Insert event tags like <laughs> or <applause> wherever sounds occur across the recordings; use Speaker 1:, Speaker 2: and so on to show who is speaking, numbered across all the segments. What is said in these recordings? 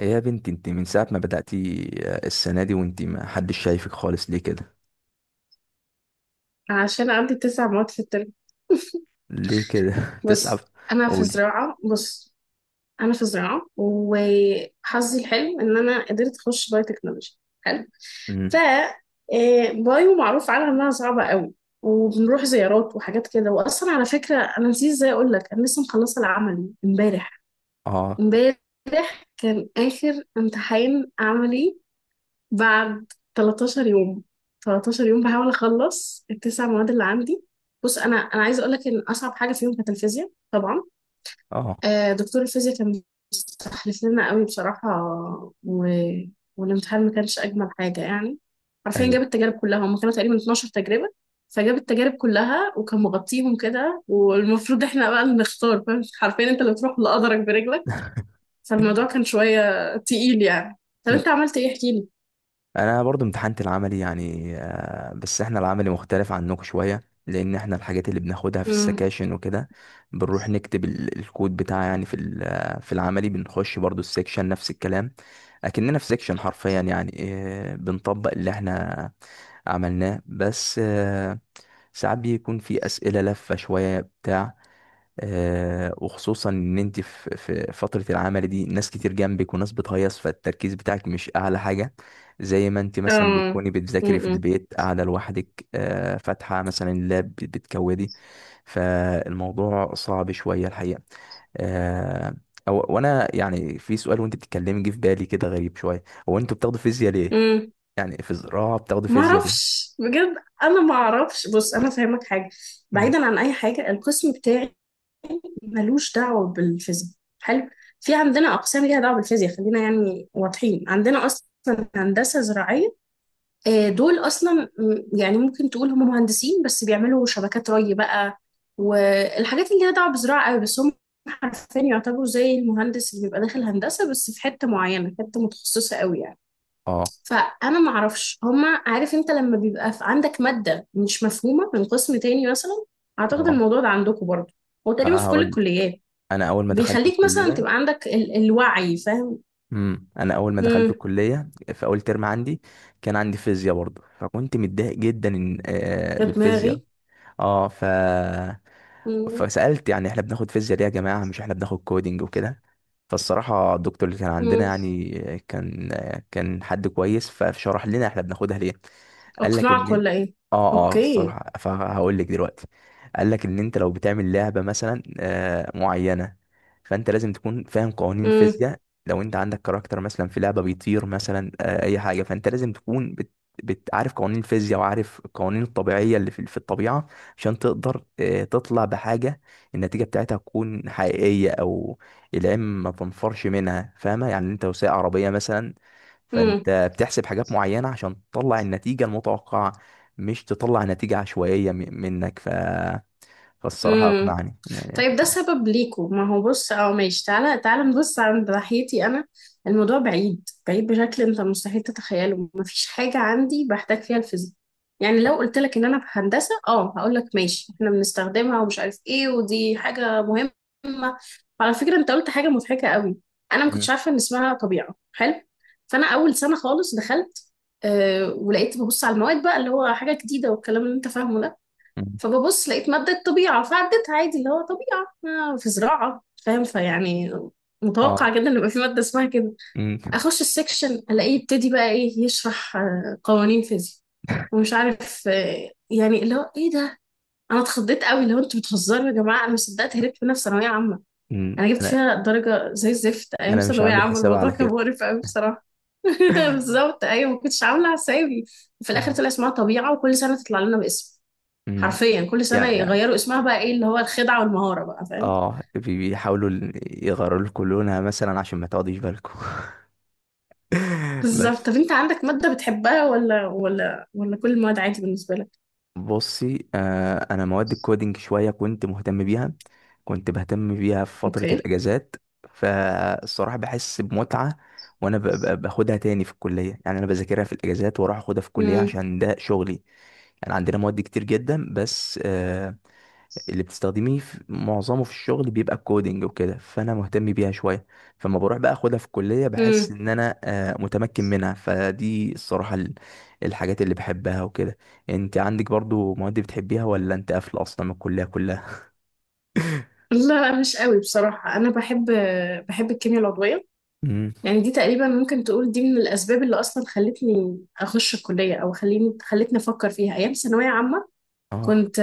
Speaker 1: إيه يا بنتي انت من ساعة ما بدأتي السنة دي وانت ما حدش شايفك خالص ليه كده؟
Speaker 2: عشان عندي تسع مواد في الترم. <laughs>
Speaker 1: ليه كده؟ <laughs> تسعف؟
Speaker 2: بص. انا في
Speaker 1: قولي.
Speaker 2: زراعه بص انا في زراعه وحظي الحلو ان انا قدرت اخش بايو تكنولوجي حلو. ف
Speaker 1: امم.
Speaker 2: آه، بايو معروف عنها انها صعبه قوي، وبنروح زيارات وحاجات كده. واصلا على فكره، انا نسيت ازاي اقول لك، انا لسه مخلصه العملي
Speaker 1: اه.
Speaker 2: امبارح كان اخر امتحان عملي، بعد 13 يوم. 13 يوم بحاول اخلص التسع مواد اللي عندي. بص، انا عايزه اقول لك ان اصعب حاجه فيهم كانت الفيزياء طبعا.
Speaker 1: اه.
Speaker 2: دكتور الفيزياء كان مستحلف لنا قوي بصراحه، و... والامتحان ما كانش اجمل حاجه يعني. حرفيا
Speaker 1: ايوه.
Speaker 2: جاب التجارب كلها، هم كانوا تقريبا 12 تجربه. فجاب التجارب كلها وكان مغطيهم كده، والمفروض احنا بقى اللي نختار، فاهم؟ حرفيا انت اللي تروح لقدرك برجلك.
Speaker 1: <laughs>
Speaker 2: فالموضوع كان شويه تقيل يعني. طب
Speaker 1: مم.
Speaker 2: انت عملت ايه، احكي
Speaker 1: انا برضو امتحنت العملي يعني بس احنا العملي مختلف عنكم شوية، لان احنا الحاجات اللي بناخدها في
Speaker 2: لي.
Speaker 1: السكاشن وكده بنروح نكتب الكود بتاع، يعني في ال- آه، في العملي بنخش برضو السكشن نفس الكلام، اكننا في سكشن حرفيا، يعني بنطبق اللي احنا عملناه بس. ساعات بيكون في أسئلة لفة شوية بتاع. وخصوصا إن أنت في فترة العمل دي ناس كتير جنبك وناس بتهيص، فالتركيز بتاعك مش أعلى حاجة، زي ما أنت مثلا
Speaker 2: اه.
Speaker 1: بتكوني بتذاكري في
Speaker 2: م-م.
Speaker 1: البيت قاعدة لوحدك، فاتحة مثلا اللاب بتكودي. فالموضوع صعب شوية الحقيقة. آه أو وأنا يعني في سؤال وأنت بتتكلمي جه في بالي كده غريب شوية. هو أنتوا بتاخدوا فيزياء ليه؟
Speaker 2: م.
Speaker 1: يعني في زراعة بتاخدوا
Speaker 2: ما
Speaker 1: فيزياء ليه؟
Speaker 2: اعرفش بجد. انا ما اعرفش. بص، انا فاهمك حاجه،
Speaker 1: مم.
Speaker 2: بعيدا عن اي حاجه القسم بتاعي ملوش دعوه بالفيزياء. حلو. في عندنا اقسام ليها دعوه بالفيزياء، خلينا يعني واضحين، عندنا اصلا هندسه زراعيه. دول اصلا، يعني ممكن تقول هم مهندسين بس بيعملوا شبكات ري بقى، والحاجات اللي ليها دعوه بالزراعه قوي، بس هم حرفيا يعتبروا زي المهندس اللي بيبقى داخل هندسه، بس في حته معينه، حته متخصصه قوي يعني.
Speaker 1: اه.
Speaker 2: فانا ما اعرفش هما. عارف، انت لما بيبقى في عندك ماده مش مفهومه من قسم تاني مثلا، اعتقد
Speaker 1: اه.
Speaker 2: الموضوع ده عندكم برضه، هو تقريبا في كل
Speaker 1: هقول.
Speaker 2: الكليات،
Speaker 1: انا اول ما دخلت
Speaker 2: بيخليك مثلا
Speaker 1: الكليه.
Speaker 2: تبقى عندك الوعي، فاهم؟
Speaker 1: امم. انا اول ما دخلت
Speaker 2: امم.
Speaker 1: الكليه في اول ترم عندي كان عندي فيزياء برضه، فكنت متضايق جدا
Speaker 2: يا
Speaker 1: بالفيزياء.
Speaker 2: دماغي.
Speaker 1: اه ف
Speaker 2: امم.
Speaker 1: فسألت يعني احنا بناخد فيزياء ليه يا جماعة؟ مش احنا بناخد كودينج وكده. فالصراحة الدكتور اللي كان عندنا يعني كان كان حد كويس، فشرح لنا احنا بناخدها ليه. قال لك
Speaker 2: اقنعك
Speaker 1: ان
Speaker 2: ولا ايه؟
Speaker 1: اه اه،
Speaker 2: اوكي.
Speaker 1: الصراحة فهقول لك دلوقتي. قال لك ان انت لو بتعمل لعبة مثلا معينة، فانت لازم تكون فاهم قوانين
Speaker 2: امم.
Speaker 1: فيزياء. لو انت عندك كاركتر مثلا في لعبة بيطير مثلا اي حاجة، فانت لازم تكون بتعرف قوانين الفيزياء وعارف القوانين الطبيعية اللي في الطبيعة، عشان تقدر تطلع بحاجة النتيجة بتاعتها تكون حقيقية، أو العلم ما تنفرش منها. فاهمة؟ يعني أنت لو سايق عربية مثلا، فأنت بتحسب حاجات معينة عشان تطلع النتيجة المتوقعة، مش تطلع نتيجة عشوائية منك. فالصراحة
Speaker 2: امم.
Speaker 1: أقنعني يعني.
Speaker 2: طيب ده سبب ليكوا. ما هو بص، اه ماشي، تعالى تعالى نبص عند ناحيتي انا. الموضوع بعيد بعيد بشكل انت مستحيل تتخيله، مفيش حاجة عندي بحتاج فيها الفيزياء. يعني لو قلت لك ان انا في هندسة، اه هقول لك ماشي، احنا بنستخدمها ومش عارف ايه، ودي حاجة مهمة. وعلى فكرة، انت قلت حاجة مضحكة قوي، انا ما
Speaker 1: مم.
Speaker 2: كنتش عارفة ان اسمها طبيعة. حلو. فانا اول سنة خالص دخلت، آه ولقيت ببص على المواد بقى، اللي هو حاجة جديدة، والكلام اللي انت فاهمه ده.
Speaker 1: مم.
Speaker 2: فببص لقيت مادة طبيعة فعديتها عادي، اللي هو طبيعة في زراعة، فاهم؟ فيعني
Speaker 1: اه.
Speaker 2: متوقع جدا ان يبقى في مادة اسمها كده.
Speaker 1: مم.
Speaker 2: اخش السكشن الاقيه يبتدي بقى ايه، يشرح قوانين فيزياء، ومش عارف، يعني اللي هو ايه ده. انا اتخضيت قوي، اللي هو انتوا بتهزروا يا جماعة، انا مش صدقت هربت منها في ثانوية عامة.
Speaker 1: مم.
Speaker 2: انا جبت
Speaker 1: أنا
Speaker 2: فيها درجة زي الزفت ايام
Speaker 1: مش
Speaker 2: ثانوية
Speaker 1: هعمل
Speaker 2: عامة،
Speaker 1: حساب
Speaker 2: الموضوع
Speaker 1: على
Speaker 2: كان
Speaker 1: كده.
Speaker 2: مقرف قوي بصراحة. <laughs>
Speaker 1: <laughs>
Speaker 2: بالظبط، ايوه ما كنتش عاملة حسابي. وفي الاخر
Speaker 1: مم.
Speaker 2: طلع اسمها طبيعة، وكل سنة تطلع لنا باسم.
Speaker 1: مم.
Speaker 2: حرفيا كل سنة
Speaker 1: يعني
Speaker 2: يغيروا اسمها بقى ايه، اللي هو الخدعة والمهارة بقى، فاهم؟
Speaker 1: بيحاولوا يغيروا لكم لونها مثلا عشان ما تقعديش بالكم.
Speaker 2: بالظبط.
Speaker 1: بس
Speaker 2: طب انت عندك مادة بتحبها، ولا كل المواد عادي بالنسبة لك؟
Speaker 1: بصي، انا مواد الكودينج شويه كنت مهتم بيها، كنت بهتم بيها في فتره
Speaker 2: اوكي.
Speaker 1: الاجازات. فالصراحه بحس بمتعه. وانا باخدها تاني في الكليه، يعني انا بذاكرها في الاجازات واروح اخدها في الكليه
Speaker 2: امم.
Speaker 1: عشان ده شغلي. يعني عندنا مواد كتير جدا بس اللي بتستخدميه في معظمه في الشغل بيبقى الكودينج وكده، فانا مهتم بيها شويه. فلما بروح بقى اخدها في الكليه بحس
Speaker 2: امم.
Speaker 1: ان انا متمكن منها، فدي الصراحه الحاجات اللي بحبها وكده. انت عندك برضو مواد بتحبيها، ولا انت قافله اصلا من الكليه كلها؟ <laughs>
Speaker 2: لا مش قوي بصراحة، انا بحب الكيمياء العضوية.
Speaker 1: امم.
Speaker 2: يعني دي تقريبا ممكن تقول، دي من الاسباب اللي اصلا خلتني اخش الكلية، او خليني خلتني افكر فيها ايام ثانوية عامة.
Speaker 1: اه.
Speaker 2: كنت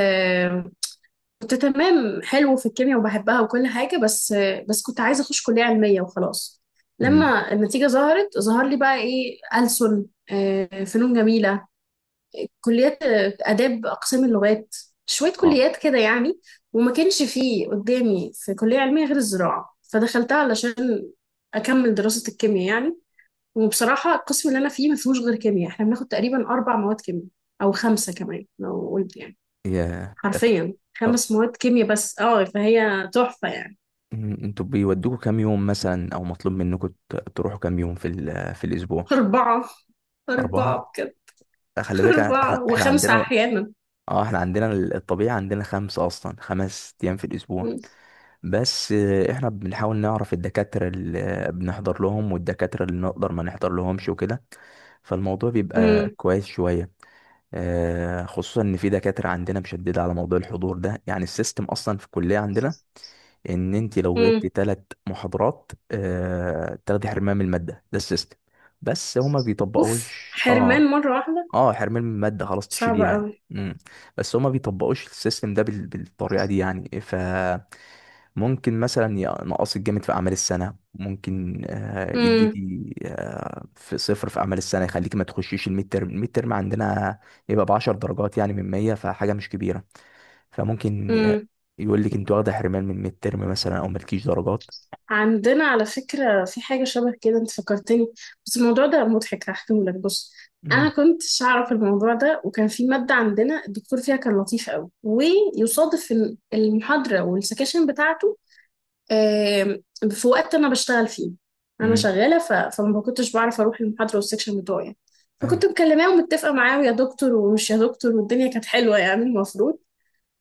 Speaker 2: كنت تمام حلو في الكيمياء وبحبها وكل حاجة. بس كنت عايزة أخش كلية علمية وخلاص.
Speaker 1: امم.
Speaker 2: لما النتيجة ظهرت ظهر لي بقى إيه، ألسن، فنون جميلة، كليات، آداب، أقسام اللغات، شوية
Speaker 1: اه.
Speaker 2: كليات كده يعني. وما كانش فيه قدامي في كلية علمية غير الزراعة، فدخلتها علشان أكمل دراسة الكيمياء يعني. وبصراحة القسم اللي أنا فيه ما فيهوش غير كيمياء، إحنا بناخد تقريبا أربع مواد كيمياء، أو خمسة كمان لو قلت يعني.
Speaker 1: يا متأكد.
Speaker 2: حرفيا
Speaker 1: أو-
Speaker 2: خمس مواد كيمياء بس، اه فهي تحفة يعني.
Speaker 1: أمم، انتوا بيودوكوا كام يوم مثلا، او مطلوب منكم تروحوا كام يوم في الاسبوع؟
Speaker 2: أربعة.
Speaker 1: اربعه؟
Speaker 2: أربعة بجد.
Speaker 1: خلي
Speaker 2: <laughs>
Speaker 1: بالك احنا.
Speaker 2: أربعة
Speaker 1: إحنا
Speaker 2: وخمسة
Speaker 1: عندنا
Speaker 2: أحيانا.
Speaker 1: اه احنا عندنا الطبيعي عندنا خمسة، اصلا خمس ايام في الاسبوع،
Speaker 2: مم.
Speaker 1: بس احنا بنحاول نعرف الدكاترة اللي بنحضر لهم والدكاترة اللي نقدر ما نحضر لهمش وكده، فالموضوع بيبقى
Speaker 2: مم.
Speaker 1: كويس شوية. خصوصا ان في دكاترة عندنا مشددة على موضوع الحضور ده، يعني السيستم اصلا في الكلية عندنا ان انت لو
Speaker 2: مم.
Speaker 1: غبت ثلاث محاضرات تاخدي حرمان من المادة. ده السيستم، بس هما
Speaker 2: أوف
Speaker 1: بيطبقوش.
Speaker 2: حرمان
Speaker 1: اه.
Speaker 2: مرة واحدة؟
Speaker 1: اه، حرمان من المادة خلاص،
Speaker 2: صعبة
Speaker 1: تشيليه يعني.
Speaker 2: أوي.
Speaker 1: امم. بس هما بيطبقوش السيستم ده بالطريقة دي، يعني فممكن مثلا ينقصك جامد في أعمال السنة، ممكن
Speaker 2: مم.
Speaker 1: يديكي في صفر في أعمال السنة، يخليكي ما تخشيش الميد ترم. الميد ترم عندنا يبقى بعشر درجات يعني من مية، فحاجة مش كبيرة. فممكن ي-
Speaker 2: مم.
Speaker 1: يقول لك انت واخدة حرمان من الميد ترم مثلا أو مالكيش درجات.
Speaker 2: عندنا على فكرة في حاجة شبه كده، أنت فكرتني، بس الموضوع ده مضحك هحكيهولك. بص، أنا
Speaker 1: امم.
Speaker 2: كنتش أعرف الموضوع ده، وكان في مادة عندنا الدكتور فيها كان لطيف أوي، ويصادف إن المحاضرة والسكاشن بتاعته آم، في وقت انا بشتغل فيه. انا
Speaker 1: امم.
Speaker 2: شغاله، فما كنتش بعرف اروح المحاضره والسكشن بتوعي. فكنت
Speaker 1: ايوه.
Speaker 2: مكلماه ومتفقه معاه، يا دكتور ومش يا دكتور، والدنيا كانت حلوه يعني المفروض.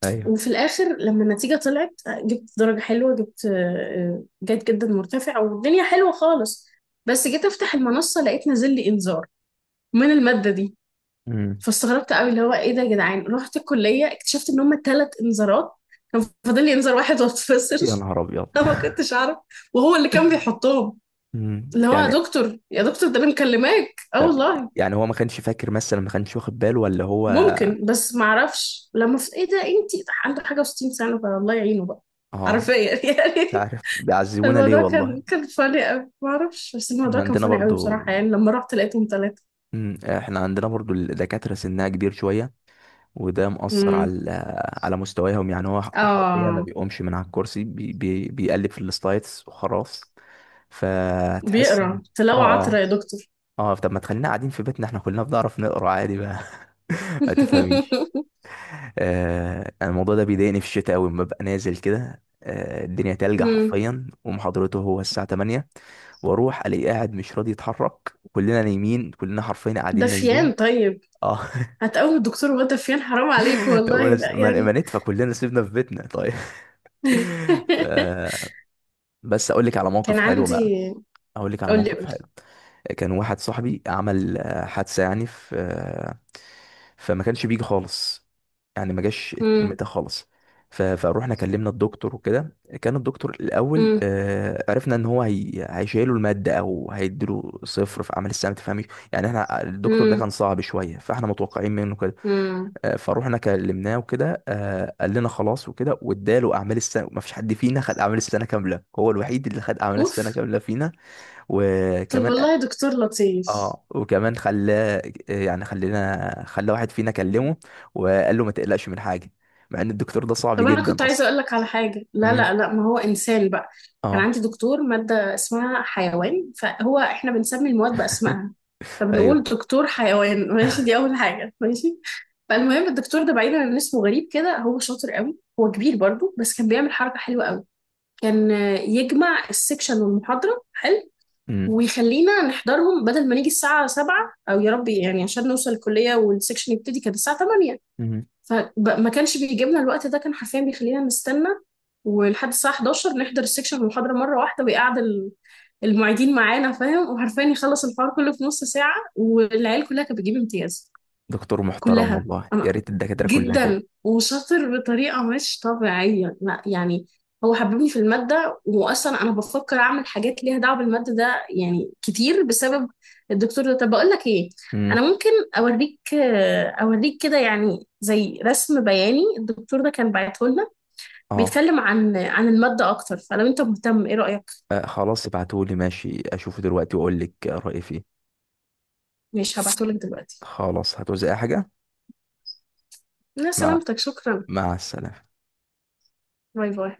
Speaker 1: ايوه.
Speaker 2: وفي الاخر لما النتيجه طلعت، جبت درجه حلوه، جبت جيد جدا مرتفع، والدنيا حلوه خالص. بس جيت افتح المنصه لقيت نازل لي انذار من الماده دي.
Speaker 1: امم.
Speaker 2: فاستغربت قوي، اللي هو ايه ده يا جدعان؟ رحت الكليه اكتشفت ان هم ثلاث انذارات، كان فاضل لي انذار واحد
Speaker 1: يا
Speaker 2: واتفصل.
Speaker 1: نهار أبيض!
Speaker 2: <laughs> انا ما
Speaker 1: <laughs>
Speaker 2: كنتش اعرف، وهو اللي كان بيحطهم،
Speaker 1: مم.
Speaker 2: اللي هو يا
Speaker 1: يعني
Speaker 2: دكتور يا دكتور ده انا مكلماك، اه
Speaker 1: طب
Speaker 2: والله.
Speaker 1: يعني هو ما كانش فاكر مثلا، ما كانش واخد باله، ولا هو؟
Speaker 2: ممكن، بس ما اعرفش، لما في ايه ده انتي، ده عنده حاجه و60 سنه، فالله يعينه بقى.
Speaker 1: اه،
Speaker 2: حرفيا <laughs>
Speaker 1: مش
Speaker 2: يعني.
Speaker 1: عارف بيعذبونا ليه
Speaker 2: الموضوع
Speaker 1: والله.
Speaker 2: كان فاني قوي ما اعرفش، بس
Speaker 1: احنا
Speaker 2: الموضوع كان
Speaker 1: عندنا
Speaker 2: فاني قوي
Speaker 1: برضو.
Speaker 2: بصراحه يعني، لما رحت لقيتهم ثلاثه.
Speaker 1: مم، احنا عندنا برضو الدكاترة سنها كبير شوية، وده مؤثر
Speaker 2: امم.
Speaker 1: على على مستواهم، يعني هو حرفيا ما
Speaker 2: اه.
Speaker 1: بيقومش من على الكرسي، بي بي بيقلب في السلايدز وخلاص. فتحس
Speaker 2: بيقرا
Speaker 1: اه
Speaker 2: تلاوه عطره
Speaker 1: اه.
Speaker 2: يا دكتور.
Speaker 1: اه، طب ما تخلينا قاعدين في بيتنا، احنا كلنا بنعرف نقرا عادي بقى. <laughs> ما تفهميش.
Speaker 2: <laughs>
Speaker 1: آه، أنا الموضوع ده بيضايقني في الشتاء أوي، لما ببقى نازل كده، الدنيا تلج
Speaker 2: امم.
Speaker 1: حرفيا، ومحاضرته هو الساعة 8، واروح الاقيه قاعد مش راضي يتحرك، كلنا نايمين، كلنا حرفيا قاعدين نايمين.
Speaker 2: دفيان طيب.
Speaker 1: اه.
Speaker 2: هتقوم الدكتور وهو دفيان، حرام عليك
Speaker 1: <laughs> طب ما
Speaker 2: والله،
Speaker 1: نفس-
Speaker 2: لا
Speaker 1: ما- ما
Speaker 2: يعني.
Speaker 1: ندفى كلنا سيبنا في بيتنا طيب. <laughs> ف...
Speaker 2: <laughs>
Speaker 1: بس اقول لك على موقف
Speaker 2: كان
Speaker 1: حلو بقى.
Speaker 2: عندي.
Speaker 1: هقول لك على
Speaker 2: قولي
Speaker 1: موقف
Speaker 2: قولي.
Speaker 1: حلو. كان واحد صاحبي عمل حادثة يعني في فما كانش بيجي خالص، يعني ما جاش الترم
Speaker 2: امم.
Speaker 1: ده خالص. فروحنا كلمنا الدكتور وكده. كان الدكتور الأول
Speaker 2: امم.
Speaker 1: عرفنا إن هو هيشيله المادة أو هيديله صفر في عمل السنة. ما تفهميش، يعني احنا الدكتور ده
Speaker 2: امم.
Speaker 1: كان صعب شوية، فاحنا متوقعين منه كده.
Speaker 2: امم.
Speaker 1: فروحنا كلمناه وكده. قال لنا خلاص وكده، واداله أعمال السنة، ما فيش حد فينا خد أعمال السنة كاملة، هو الوحيد اللي خد أعمال
Speaker 2: اوف.
Speaker 1: السنة كاملة فينا.
Speaker 2: طب
Speaker 1: وكمان
Speaker 2: والله دكتور لطيف.
Speaker 1: اه، وكمان خلاه، يعني خلى واحد فينا كلمه، وقال له ما تقلقش من حاجه، مع ان الدكتور ده صعب
Speaker 2: طب انا
Speaker 1: جدا
Speaker 2: كنت عايزه
Speaker 1: اصلا.
Speaker 2: اقول لك على حاجه. لا لا
Speaker 1: امم.
Speaker 2: لا، ما هو انسان بقى. كان
Speaker 1: اه.
Speaker 2: عندي دكتور ماده اسمها حيوان، فهو احنا بنسمي المواد باسمائها، فبنقول
Speaker 1: ايوه.
Speaker 2: دكتور حيوان. <laughs> ماشي، دي اول حاجه، ماشي. فالمهم الدكتور ده بعيدا عن اسمه غريب كده، هو شاطر قوي، هو كبير برضو، بس كان بيعمل حركه حلوه قوي. كان يجمع السكشن والمحاضره. حلو.
Speaker 1: امم.
Speaker 2: ويخلينا نحضرهم، بدل ما نيجي الساعه 7 او يا ربي يعني عشان نوصل الكليه والسكشن يبتدي كانت الساعه 8،
Speaker 1: امم.
Speaker 2: فما كانش بيجيب لنا الوقت ده، كان حرفيا بيخلينا نستنى ولحد الساعة 11 نحضر السكشن المحاضرة مرة واحدة. ويقعد المعيدين معانا، فاهم؟ وحرفيا يخلص الحوار كله في نص ساعة، والعيال كلها كانت بتجيب امتياز.
Speaker 1: دكتور محترم
Speaker 2: كلها.
Speaker 1: والله، يا
Speaker 2: انا
Speaker 1: ريت الدكاتره كلها كده.
Speaker 2: جدا وشاطر بطريقه مش طبيعيه، لا يعني. هو حببني في الماده، واصلا انا بفكر اعمل حاجات ليها دعوه بالماده ده يعني كتير بسبب الدكتور ده. طب بقول لك ايه،
Speaker 1: امم.
Speaker 2: انا ممكن اوريك. اوريك كده يعني زي رسم بياني. الدكتور ده كان بعته لنا
Speaker 1: اه.
Speaker 2: بيتكلم عن الماده اكتر، فلو انت مهتم ايه رايك؟
Speaker 1: آه، خلاص ابعتهولي ماشي، اشوفه دلوقتي واقول لك رايي فيه.
Speaker 2: ماشي هبعته لك دلوقتي.
Speaker 1: خلاص هتوزع حاجه؟
Speaker 2: لا
Speaker 1: مع
Speaker 2: سلامتك، شكرا.
Speaker 1: مع السلامه.
Speaker 2: باي باي.